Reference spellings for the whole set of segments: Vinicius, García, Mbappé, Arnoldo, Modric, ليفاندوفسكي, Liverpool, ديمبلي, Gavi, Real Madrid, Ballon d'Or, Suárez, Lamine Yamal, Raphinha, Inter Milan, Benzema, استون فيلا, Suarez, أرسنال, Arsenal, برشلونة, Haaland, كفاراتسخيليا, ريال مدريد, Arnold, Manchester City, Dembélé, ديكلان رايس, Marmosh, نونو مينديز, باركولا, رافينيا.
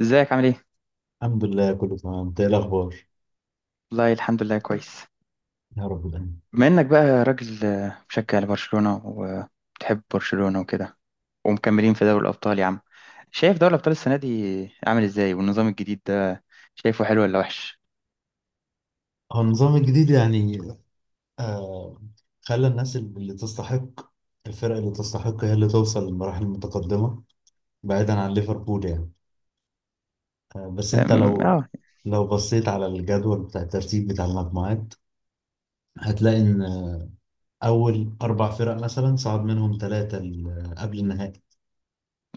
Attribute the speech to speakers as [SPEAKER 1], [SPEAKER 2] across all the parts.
[SPEAKER 1] ازيك عامل ايه؟
[SPEAKER 2] الحمد لله كله تمام. انت ايه الاخبار؟
[SPEAKER 1] والله الحمد لله كويس.
[SPEAKER 2] يا رب دايما.
[SPEAKER 1] بما انك بقى راجل مشجع لبرشلونة وبتحب برشلونة وكده، ومكملين في دوري الأبطال يا عم. شايف دوري الأبطال السنة دي عامل ازاي والنظام الجديد ده، شايفه حلو ولا وحش؟
[SPEAKER 2] هو النظام الجديد يعني، آه خلى الناس اللي تستحق، الفرق اللي تستحق هي اللي توصل للمراحل المتقدمة، بعيدا عن ليفربول يعني. بس انت لو
[SPEAKER 1] اه.
[SPEAKER 2] بصيت على الجدول بتاع الترتيب بتاع المجموعات، هتلاقي ان اول 4 فرق مثلا صعد منهم ثلاثة قبل النهائي.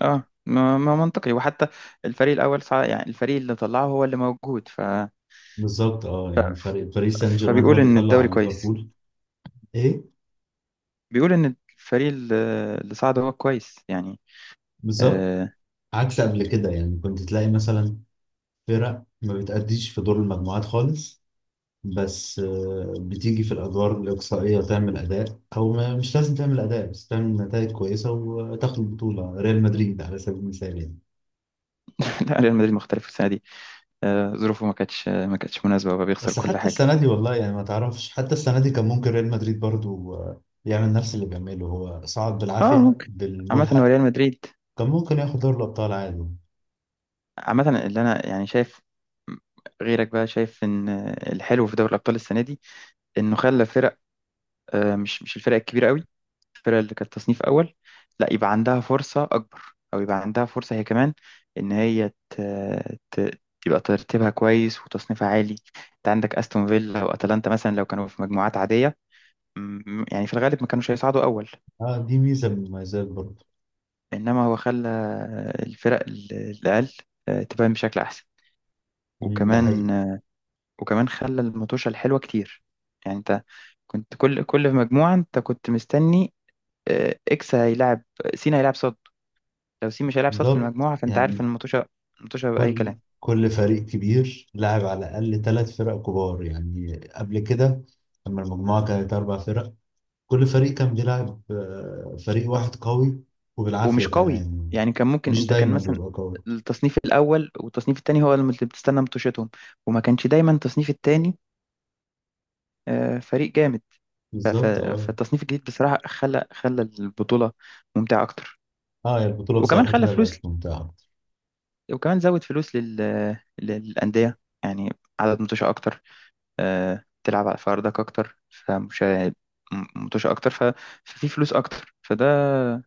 [SPEAKER 1] اه، ما منطقي، وحتى الفريق الأول يعني الفريق اللي طلعه هو اللي موجود
[SPEAKER 2] بالظبط، اه، يعني فريق باريس سان جيرمان هو
[SPEAKER 1] فبيقول
[SPEAKER 2] اللي
[SPEAKER 1] إن
[SPEAKER 2] طلع
[SPEAKER 1] الدوري
[SPEAKER 2] على
[SPEAKER 1] كويس.
[SPEAKER 2] ليفربول. ايه،
[SPEAKER 1] بيقول إن الفريق اللي صعد هو كويس يعني.
[SPEAKER 2] بالظبط.
[SPEAKER 1] آه.
[SPEAKER 2] عكس قبل كده يعني، كنت تلاقي مثلا فرق ما بتأديش في دور المجموعات خالص، بس بتيجي في الأدوار الإقصائية وتعمل أداء، أو ما مش لازم تعمل أداء بس تعمل نتائج كويسة وتاخد البطولة، ريال مدريد على سبيل المثال يعني.
[SPEAKER 1] لا، ريال مدريد مختلف السنة دي. آه، ظروفه ما كانتش مناسبة، وبقى بيخسر
[SPEAKER 2] بس
[SPEAKER 1] كل
[SPEAKER 2] حتى
[SPEAKER 1] حاجة.
[SPEAKER 2] السنة دي، والله يعني ما تعرفش، حتى السنة دي كان ممكن ريال مدريد برضو يعمل نفس اللي بيعمله، هو صعد
[SPEAKER 1] اه،
[SPEAKER 2] بالعافية
[SPEAKER 1] ممكن. عامة هو
[SPEAKER 2] بالملحق.
[SPEAKER 1] ريال مدريد.
[SPEAKER 2] كان ممكن ياخد دوري الأبطال عادي.
[SPEAKER 1] عامة اللي انا يعني شايف، غيرك بقى شايف ان الحلو في دوري الابطال السنة دي انه خلى فرق، آه، مش الفرق الكبيرة قوي. الفرق اللي كانت تصنيف اول، لا يبقى عندها فرصة اكبر، او يبقى عندها فرصة هي كمان ان هي تبقى ترتيبها كويس وتصنيفها عالي. انت عندك استون فيلا واتلانتا مثلا، لو كانوا في مجموعات عادية، يعني في الغالب ما كانوش هيصعدوا اول.
[SPEAKER 2] اه، دي ميزة من المميزات برضو.
[SPEAKER 1] انما هو خلى الفرق الاقل، آه، تبان بشكل احسن.
[SPEAKER 2] مم، ده
[SPEAKER 1] وكمان
[SPEAKER 2] حقيقي.
[SPEAKER 1] وكمان خلى المطوشة الحلوة كتير. يعني انت كنت كل في مجموعة، انت كنت مستني آه، اكس هيلعب، سين هيلعب صد. لو سين مش هيلعب صد في
[SPEAKER 2] بالظبط
[SPEAKER 1] المجموعة، فانت عارف ان
[SPEAKER 2] يعني.
[SPEAKER 1] المطوشة بأي
[SPEAKER 2] كل
[SPEAKER 1] كلام.
[SPEAKER 2] كل فريق كبير لعب على الأقل 3 فرق كبار يعني، قبل كده لما المجموعة كانت 4 فرق، كل فريق كان بيلعب فريق واحد قوي، وبالعافية
[SPEAKER 1] ومش قوي،
[SPEAKER 2] كمان.
[SPEAKER 1] يعني كان ممكن
[SPEAKER 2] مش
[SPEAKER 1] انت كان
[SPEAKER 2] دايما
[SPEAKER 1] مثلا
[SPEAKER 2] بيبقى قوي.
[SPEAKER 1] التصنيف الأول والتصنيف التاني هو اللي بتستنى مطوشتهم، وما كانش دايما التصنيف التاني آه، فريق جامد. ف- ف-
[SPEAKER 2] بالظبط، اه.
[SPEAKER 1] فالتصنيف الجديد بصراحة خلى البطولة ممتعة أكتر.
[SPEAKER 2] اه، يا، البطولة
[SPEAKER 1] وكمان
[SPEAKER 2] بصراحة
[SPEAKER 1] خلى
[SPEAKER 2] كده بقت
[SPEAKER 1] فلوس،
[SPEAKER 2] ممتعة أكتر.
[SPEAKER 1] وكمان زود فلوس للأندية، يعني عدد متوشة أكتر، آه، تلعب على فاردك أكتر، فمش متوشة أكتر ففي فلوس أكتر، فده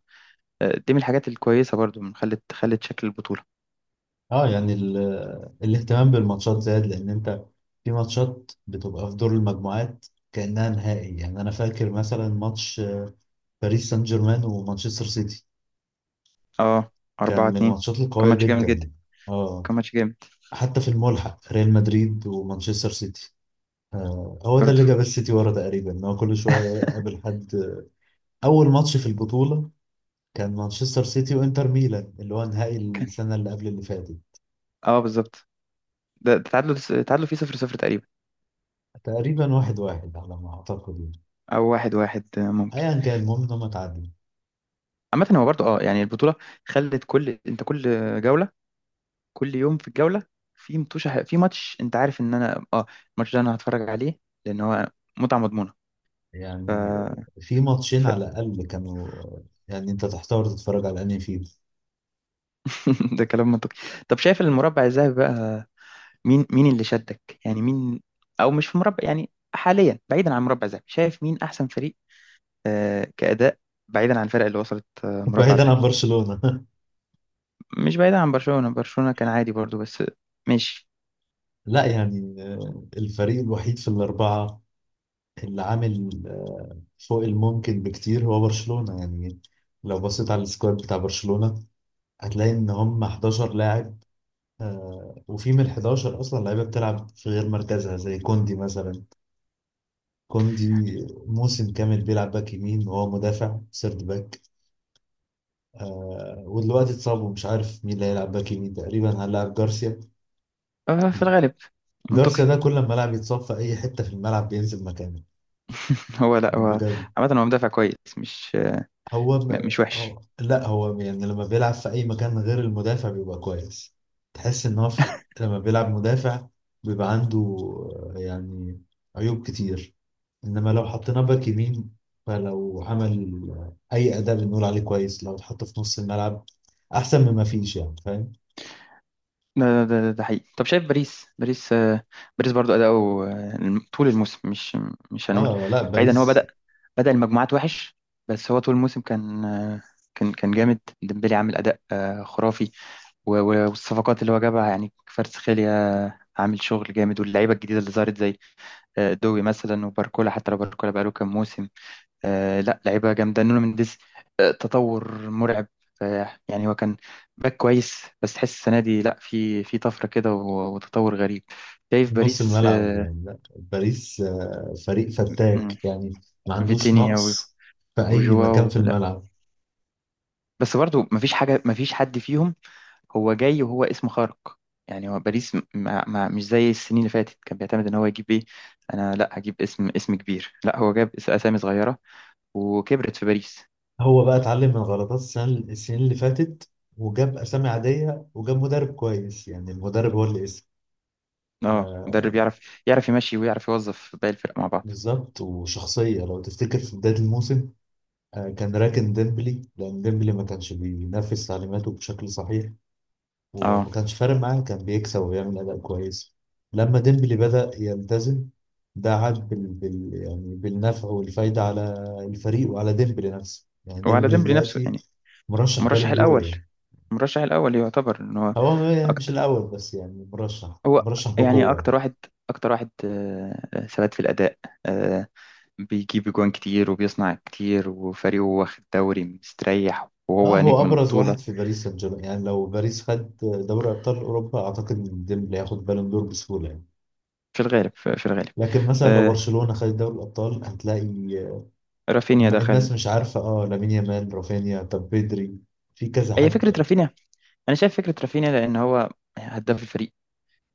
[SPEAKER 1] آه، دي من الحاجات الكويسة برضو، من خلت شكل البطولة.
[SPEAKER 2] اه يعني، الاهتمام بالماتشات زاد، لأن أنت في ماتشات بتبقى في دور المجموعات كأنها نهائي. يعني أنا فاكر مثلا ماتش باريس سان جيرمان ومانشستر سيتي،
[SPEAKER 1] اه، أربعة
[SPEAKER 2] كان من
[SPEAKER 1] اتنين
[SPEAKER 2] الماتشات
[SPEAKER 1] كان
[SPEAKER 2] القوية
[SPEAKER 1] ماتش جامد جدا.
[SPEAKER 2] جدا. اه.
[SPEAKER 1] كان ماتش جامد.
[SPEAKER 2] حتى في الملحق ريال مدريد ومانشستر سيتي، آه، هو ده
[SPEAKER 1] برضو.
[SPEAKER 2] اللي جاب السيتي ورا تقريبا، ان هو كل شوية يقابل حد. أول ماتش في البطولة كان مانشستر سيتي وإنتر ميلان، اللي هو نهائي
[SPEAKER 1] كان.
[SPEAKER 2] السنة اللي قبل اللي فاتت.
[SPEAKER 1] اه، بالظبط. ده تعادلوا، تعادلوا فيه 0-0 تقريبا.
[SPEAKER 2] تقريبا 1-1 على ما أعتقد يعني.
[SPEAKER 1] أو 1-1 آه، ممكن.
[SPEAKER 2] أيا كان، المهم إن هم اتعادلوا.
[SPEAKER 1] عامة هو برضو اه يعني البطولة خلت انت كل جولة، كل يوم في الجولة في متوشة، في ماتش انت عارف ان انا الماتش ده انا هتفرج عليه، لان هو متعة مضمونة.
[SPEAKER 2] يعني في ماتشين
[SPEAKER 1] ف...
[SPEAKER 2] على الأقل كانوا يعني أنت تحتار تتفرج على أنهي فيهم.
[SPEAKER 1] ده كلام منطقي. طب شايف المربع الذهبي بقى، مين اللي شدك؟ يعني مين، او مش في مربع، يعني حاليا بعيدا عن مربع ذهبي، شايف مين احسن فريق آه كأداء، بعيدا عن الفرق اللي وصلت آه مربع
[SPEAKER 2] بعيدا عن
[SPEAKER 1] ذهبي؟
[SPEAKER 2] برشلونة
[SPEAKER 1] مش بعيدا عن برشلونة، برشلونة كان عادي برضو، بس ماشي.
[SPEAKER 2] لا يعني، الفريق الوحيد في الأربعة، اللي عامل فوق الممكن بكتير، هو برشلونة يعني. لو بصيت على السكواد بتاع برشلونة، هتلاقي ان هم 11 لاعب، وفي من ال 11 اصلا لعيبه بتلعب في غير مركزها، زي كوندي مثلا. كوندي موسم كامل بيلعب باك يمين وهو مدافع سيرد باك، ودلوقتي اتصاب، ومش عارف مين اللي هيلعب باك يمين، تقريبا هنلعب جارسيا.
[SPEAKER 1] آه، في الغالب. منطقي.
[SPEAKER 2] جارسيا ده كل ما لاعب يتصاب في اي حته في الملعب، بينزل مكانه،
[SPEAKER 1] هو لا هو،
[SPEAKER 2] بجد.
[SPEAKER 1] عامة هو مدافع كويس،
[SPEAKER 2] هو م...
[SPEAKER 1] مش وحش.
[SPEAKER 2] هو لا هو يعني، لما بيلعب في اي مكان غير المدافع بيبقى كويس. تحس ان هو في... لما بيلعب مدافع بيبقى عنده، يعني عيوب كتير. انما لو حطيناه باك يمين، فلو عمل اي اداء بنقول عليه كويس، لو اتحط في نص الملعب احسن مما فيش يعني، فاهم؟
[SPEAKER 1] ده حقيقي. طب شايف باريس برضو أداؤه آه، طول الموسم، مش هنقول
[SPEAKER 2] اه لا،
[SPEAKER 1] بعيد، ان هو
[SPEAKER 2] باريس
[SPEAKER 1] بدأ المجموعات وحش. بس هو طول الموسم كان آه، كان كان جامد. ديمبلي عامل أداء آه، خرافي، والصفقات اللي هو جابها، يعني كفاراتسخيليا عامل شغل جامد، واللعيبة الجديدة اللي ظهرت زي آه، دوي مثلا وباركولا، حتى لو باركولا بقاله كام موسم. آه، لا، لعيبة جامدة. نونو مينديز آه، تطور مرعب. آه، يعني هو كان باك كويس، بس تحس السنة دي لا، في طفرة كده، وتطور غريب. شايف
[SPEAKER 2] نص
[SPEAKER 1] باريس
[SPEAKER 2] الملعب
[SPEAKER 1] آه.
[SPEAKER 2] يعني، لا باريس فريق
[SPEAKER 1] مم.
[SPEAKER 2] فتاك يعني، ما عندوش
[SPEAKER 1] فيتينيا
[SPEAKER 2] نقص في اي مكان
[SPEAKER 1] وجواو
[SPEAKER 2] في
[SPEAKER 1] لا.
[SPEAKER 2] الملعب.
[SPEAKER 1] بس برضو مفيش حاجة، مفيش حد فيهم هو جاي وهو اسم خارق. يعني هو باريس ما مش زي السنين اللي فاتت، كان بيعتمد ان هو يجيب ايه؟ انا لا هجيب اسم كبير. لا، هو جاب اسامي صغيرة وكبرت في باريس.
[SPEAKER 2] هو بقى اتعلم من غلطات السنين اللي فاتت، وجاب أسامي عادية، وجاب مدرب كويس، يعني المدرب هو اللي اسم.
[SPEAKER 1] اه،
[SPEAKER 2] آه،
[SPEAKER 1] مدرب يعرف يمشي ويعرف يوظف باقي الفرق مع بعض.
[SPEAKER 2] بالظبط، وشخصية. لو تفتكر في بداية الموسم، آه، كان راكن ديمبلي لأن ديمبلي ما كانش بينفذ تعليماته بشكل صحيح،
[SPEAKER 1] اه.
[SPEAKER 2] وما كانش فارق معاه، كان بيكسب وبيعمل أداء كويس. لما ديمبلي بدأ يلتزم، ده عاد يعني بالنفع والفايدة على الفريق وعلى ديمبلي نفسه. يعني
[SPEAKER 1] وعلى
[SPEAKER 2] ديمبلي
[SPEAKER 1] ديمبلي نفسه،
[SPEAKER 2] دلوقتي
[SPEAKER 1] يعني
[SPEAKER 2] مرشح
[SPEAKER 1] المرشح
[SPEAKER 2] بالون دور
[SPEAKER 1] الاول،
[SPEAKER 2] يعني،
[SPEAKER 1] المرشح الاول يعتبر ان هو
[SPEAKER 2] هو مش
[SPEAKER 1] اكتر.
[SPEAKER 2] الأول بس يعني، مرشح
[SPEAKER 1] هو يعني
[SPEAKER 2] بقوة.
[SPEAKER 1] اكتر واحد ثبات في الاداء. آه، بيجيب جوان كتير وبيصنع كتير، وفريقه واخد دوري مستريح
[SPEAKER 2] اه،
[SPEAKER 1] وهو
[SPEAKER 2] هو
[SPEAKER 1] نجم
[SPEAKER 2] أبرز واحد
[SPEAKER 1] البطولة.
[SPEAKER 2] في باريس سان جيرمان يعني، لو باريس خد دوري أبطال أوروبا أعتقد إن ديمبلي هياخد بالون دور بسهولة يعني.
[SPEAKER 1] في الغالب، في الغالب.
[SPEAKER 2] لكن مثلا لو
[SPEAKER 1] آه،
[SPEAKER 2] برشلونة خدت دوري الأبطال، هتلاقي
[SPEAKER 1] رافينيا
[SPEAKER 2] الناس
[SPEAKER 1] دخل.
[SPEAKER 2] مش عارفة، اه، لامين يامال، رافينيا، طب بيدري، في كذا
[SPEAKER 1] هي
[SPEAKER 2] حد
[SPEAKER 1] فكرة
[SPEAKER 2] يعني.
[SPEAKER 1] رافينيا. أنا شايف فكرة رافينيا، لأن هو هداف الفريق،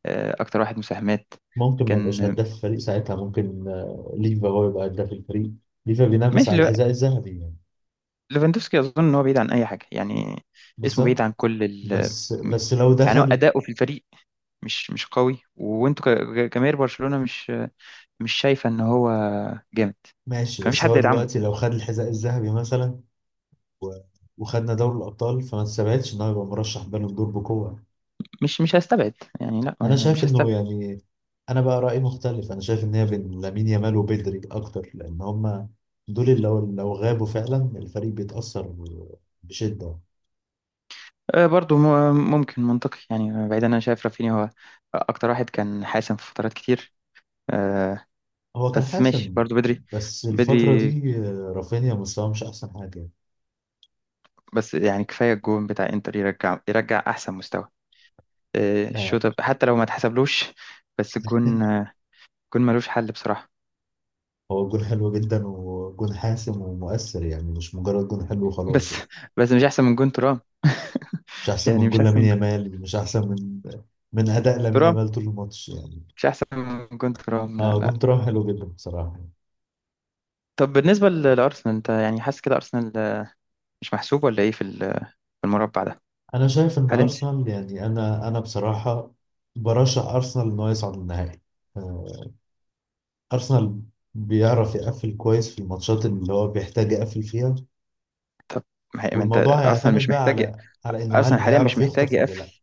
[SPEAKER 1] آه، أكتر واحد مساهمات.
[SPEAKER 2] ممكن ما يبقاش
[SPEAKER 1] كان.
[SPEAKER 2] هداف الفريق ساعتها، ممكن ليفا هو يبقى هداف الفريق. ليفا بينافس
[SPEAKER 1] ماشي.
[SPEAKER 2] على الحذاء الذهبي يعني.
[SPEAKER 1] ليفاندوفسكي اظن ان هو بعيد عن اي حاجه يعني، اسمه بعيد
[SPEAKER 2] بالظبط.
[SPEAKER 1] عن كل
[SPEAKER 2] بس لو
[SPEAKER 1] يعني هو
[SPEAKER 2] دخل،
[SPEAKER 1] اداؤه في الفريق مش قوي، وانتوا كجماهير برشلونه، مش شايفه ان هو جامد.
[SPEAKER 2] ماشي،
[SPEAKER 1] فمفيش
[SPEAKER 2] بس
[SPEAKER 1] حد
[SPEAKER 2] هو
[SPEAKER 1] يدعمه.
[SPEAKER 2] دلوقتي لو خد الحذاء الذهبي مثلا، و- وخدنا دوري الابطال، فما تستبعدش ان هو يبقى مرشح بالون دور بقوه.
[SPEAKER 1] مش هستبعد. يعني لا،
[SPEAKER 2] انا
[SPEAKER 1] يعني
[SPEAKER 2] شايف
[SPEAKER 1] مش
[SPEAKER 2] انه
[SPEAKER 1] هستبعد.
[SPEAKER 2] يعني، انا بقى رايي مختلف، انا شايف ان هي بين لامين يامال وبدري اكتر، لان هما دول اللي لو غابوا فعلا الفريق بيتاثر بشده.
[SPEAKER 1] آه، برضو ممكن، منطقي، يعني بعيد. انا شايف رافينيا هو اكتر واحد كان حاسم في فترات كتير، آه،
[SPEAKER 2] هو كان
[SPEAKER 1] بس ماشي
[SPEAKER 2] حاسم،
[SPEAKER 1] برضو بدري.
[SPEAKER 2] بس الفتره
[SPEAKER 1] بدري.
[SPEAKER 2] دي رافينيا مستواه مش احسن حاجه.
[SPEAKER 1] بس يعني كفايه الجون بتاع انتر، يرجع احسن مستوى، آه،
[SPEAKER 2] آه،
[SPEAKER 1] الشوط حتى لو ما تحسبلوش. بس الجون آه، الجون ملوش حل بصراحة.
[SPEAKER 2] هو جون حلو جدا، وجون حاسم ومؤثر، يعني مش مجرد جون حلو وخلاص
[SPEAKER 1] بس،
[SPEAKER 2] يعني.
[SPEAKER 1] بس مش أحسن من جون ترام.
[SPEAKER 2] مش احسن
[SPEAKER 1] يعني
[SPEAKER 2] من
[SPEAKER 1] مش
[SPEAKER 2] جون
[SPEAKER 1] أحسن
[SPEAKER 2] لامين
[SPEAKER 1] من جون
[SPEAKER 2] يامال، مش احسن من اداء لامين
[SPEAKER 1] ترام.
[SPEAKER 2] يامال طول الماتش يعني.
[SPEAKER 1] مش أحسن من جون ترام. لا،
[SPEAKER 2] اه، جون
[SPEAKER 1] لا.
[SPEAKER 2] ترام حلو جدا بصراحة.
[SPEAKER 1] طب بالنسبة لأرسنال، أنت يعني حاسس كده أرسنال آه، مش محسوب ولا إيه في في المربع ده؟
[SPEAKER 2] انا شايف ان
[SPEAKER 1] هل أنت،
[SPEAKER 2] ارسنال يعني، انا بصراحة برشح ارسنال ان هو يصعد النهائي. آه، ارسنال بيعرف يقفل كويس في الماتشات اللي هو بيحتاج يقفل فيها،
[SPEAKER 1] طب ما ما أنت،
[SPEAKER 2] والموضوع
[SPEAKER 1] أرسنال
[SPEAKER 2] هيعتمد
[SPEAKER 1] مش
[SPEAKER 2] بقى
[SPEAKER 1] محتاج،
[SPEAKER 2] على انه هل
[SPEAKER 1] أرسنال حاليا مش
[SPEAKER 2] هيعرف
[SPEAKER 1] محتاج
[SPEAKER 2] يخطف ولا لا.
[SPEAKER 1] يقفل،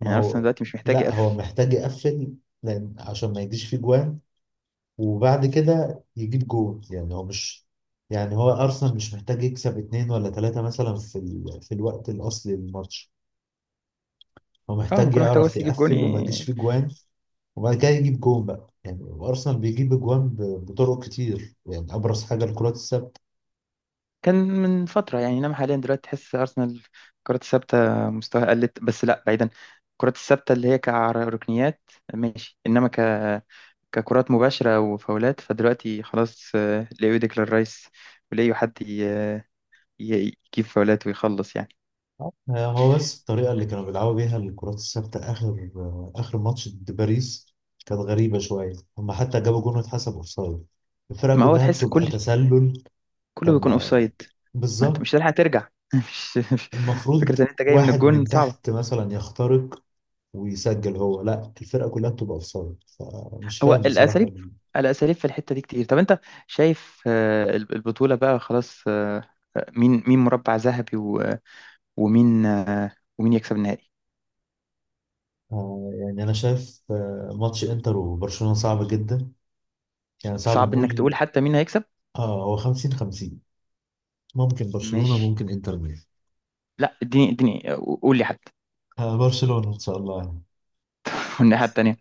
[SPEAKER 2] ما
[SPEAKER 1] يعني أرسنال
[SPEAKER 2] هو،
[SPEAKER 1] دلوقتي مش محتاج
[SPEAKER 2] لا هو
[SPEAKER 1] يقفل.
[SPEAKER 2] محتاج يقفل، لان عشان ما يجيش فيه جوان وبعد كده يجيب جول. يعني هو مش، يعني هو ارسنال مش محتاج يكسب 2 ولا 3 مثلا في الوقت الاصلي للماتش، هو
[SPEAKER 1] اه، هو
[SPEAKER 2] محتاج
[SPEAKER 1] كله محتاجه
[SPEAKER 2] يعرف
[SPEAKER 1] بس يجيب جون،
[SPEAKER 2] يقفل وما يجيش فيه جوان، وبعد كده يجيب جون بقى يعني. وارسنال بيجيب جوان بطرق كتير يعني، ابرز حاجه الكرات الثابته.
[SPEAKER 1] كان من فترة، يعني إنما حاليا دلوقتي تحس أرسنال الكرات الثابتة مستواها قلت، بس لا بعيدا. الكرات الثابتة اللي هي كركنيات ماشي، إنما ككرات مباشرة وفاولات، فدلوقتي خلاص آه، لقيوا ديكلان رايس، ولقيوا حد يجيب فاولات ويخلص يعني.
[SPEAKER 2] آه، هو بس الطريقه اللي كانوا بيلعبوا بيها الكرات الثابته اخر ماتش ضد باريس كانت غريبه شويه، هم حتى جابوا جون واتحسب اوفسايد، الفرقه
[SPEAKER 1] ما هو
[SPEAKER 2] كلها
[SPEAKER 1] تحس
[SPEAKER 2] بتبقى تسلل.
[SPEAKER 1] كله
[SPEAKER 2] طب
[SPEAKER 1] بيكون
[SPEAKER 2] ما،
[SPEAKER 1] أوفسايد. ما أنت
[SPEAKER 2] بالظبط.
[SPEAKER 1] مش هتلحق ترجع، مش مش-
[SPEAKER 2] المفروض
[SPEAKER 1] فكرة إن أنت جاي من
[SPEAKER 2] واحد
[SPEAKER 1] الجون
[SPEAKER 2] من
[SPEAKER 1] صعبة.
[SPEAKER 2] تحت مثلا يخترق ويسجل، هو لا، الفرقه كلها بتبقى اوفسايد، فمش
[SPEAKER 1] هو
[SPEAKER 2] فاهم بصراحه.
[SPEAKER 1] الاساليب، الاساليب في الحته دي كتير. طب انت شايف آه، البطوله بقى خلاص، مين مربع ذهبي، ومين آه، ومين يكسب النهائي؟
[SPEAKER 2] آه، يعني أنا شايف ماتش إنتر وبرشلونة صعب جدا، يعني صعب
[SPEAKER 1] صعب انك تقول
[SPEAKER 2] نقول.
[SPEAKER 1] حتى مين هيكسب.
[SPEAKER 2] آه، هو 50-50، ممكن برشلونة،
[SPEAKER 1] ماشي.
[SPEAKER 2] ممكن إنتر ميلان.
[SPEAKER 1] لا، اديني آه، قول لي حتى.
[SPEAKER 2] آه، برشلونة إن شاء الله يعني.
[SPEAKER 1] والناحيه التانيه؟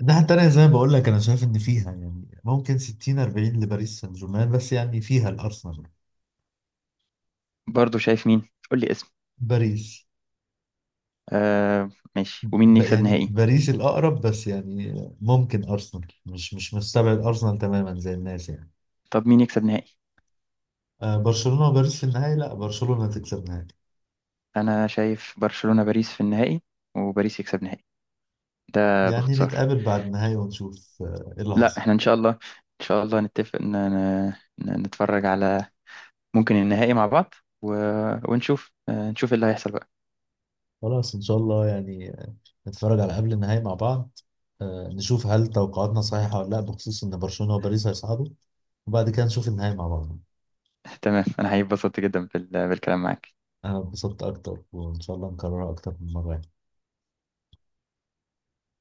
[SPEAKER 2] الناحية التانية زي ما بقول لك، أنا شايف إن فيها يعني ممكن 60-40 لباريس سان جيرمان، بس يعني فيها الأرسنال.
[SPEAKER 1] برضو، شايف مين؟ قول لي اسم.
[SPEAKER 2] باريس.
[SPEAKER 1] آه، ماشي. ومين
[SPEAKER 2] ب
[SPEAKER 1] يكسب
[SPEAKER 2] يعني
[SPEAKER 1] نهائي؟
[SPEAKER 2] باريس الأقرب، بس يعني ممكن أرسنال، مش مستبعد أرسنال تماما زي الناس يعني.
[SPEAKER 1] طب مين يكسب نهائي؟
[SPEAKER 2] آه، برشلونة وباريس في النهاية، لا برشلونة تكسب نهائي.
[SPEAKER 1] انا شايف برشلونه باريس في النهائي، وباريس يكسب نهائي. ده
[SPEAKER 2] يعني
[SPEAKER 1] باختصار.
[SPEAKER 2] نتقابل بعد النهاية ونشوف إيه اللي
[SPEAKER 1] لا،
[SPEAKER 2] حصل.
[SPEAKER 1] احنا ان شاء الله، ان شاء الله نتفق ان إن- نتفرج على ممكن النهائي مع بعض، و... ونشوف آه، نشوف إيه اللي هيحصل بقى.
[SPEAKER 2] خلاص ان شاء الله يعني، نتفرج على قبل النهائي مع بعض، نشوف هل توقعاتنا صحيحة ولا لا، بخصوص ان برشلونة وباريس هيصعدوا، وبعد كده نشوف النهائي مع بعض.
[SPEAKER 1] تمام، أنا هيبسطت جدا بالكلام معاك.
[SPEAKER 2] انا اتبسطت اكتر، وان شاء الله نكررها اكتر من مرة يعني.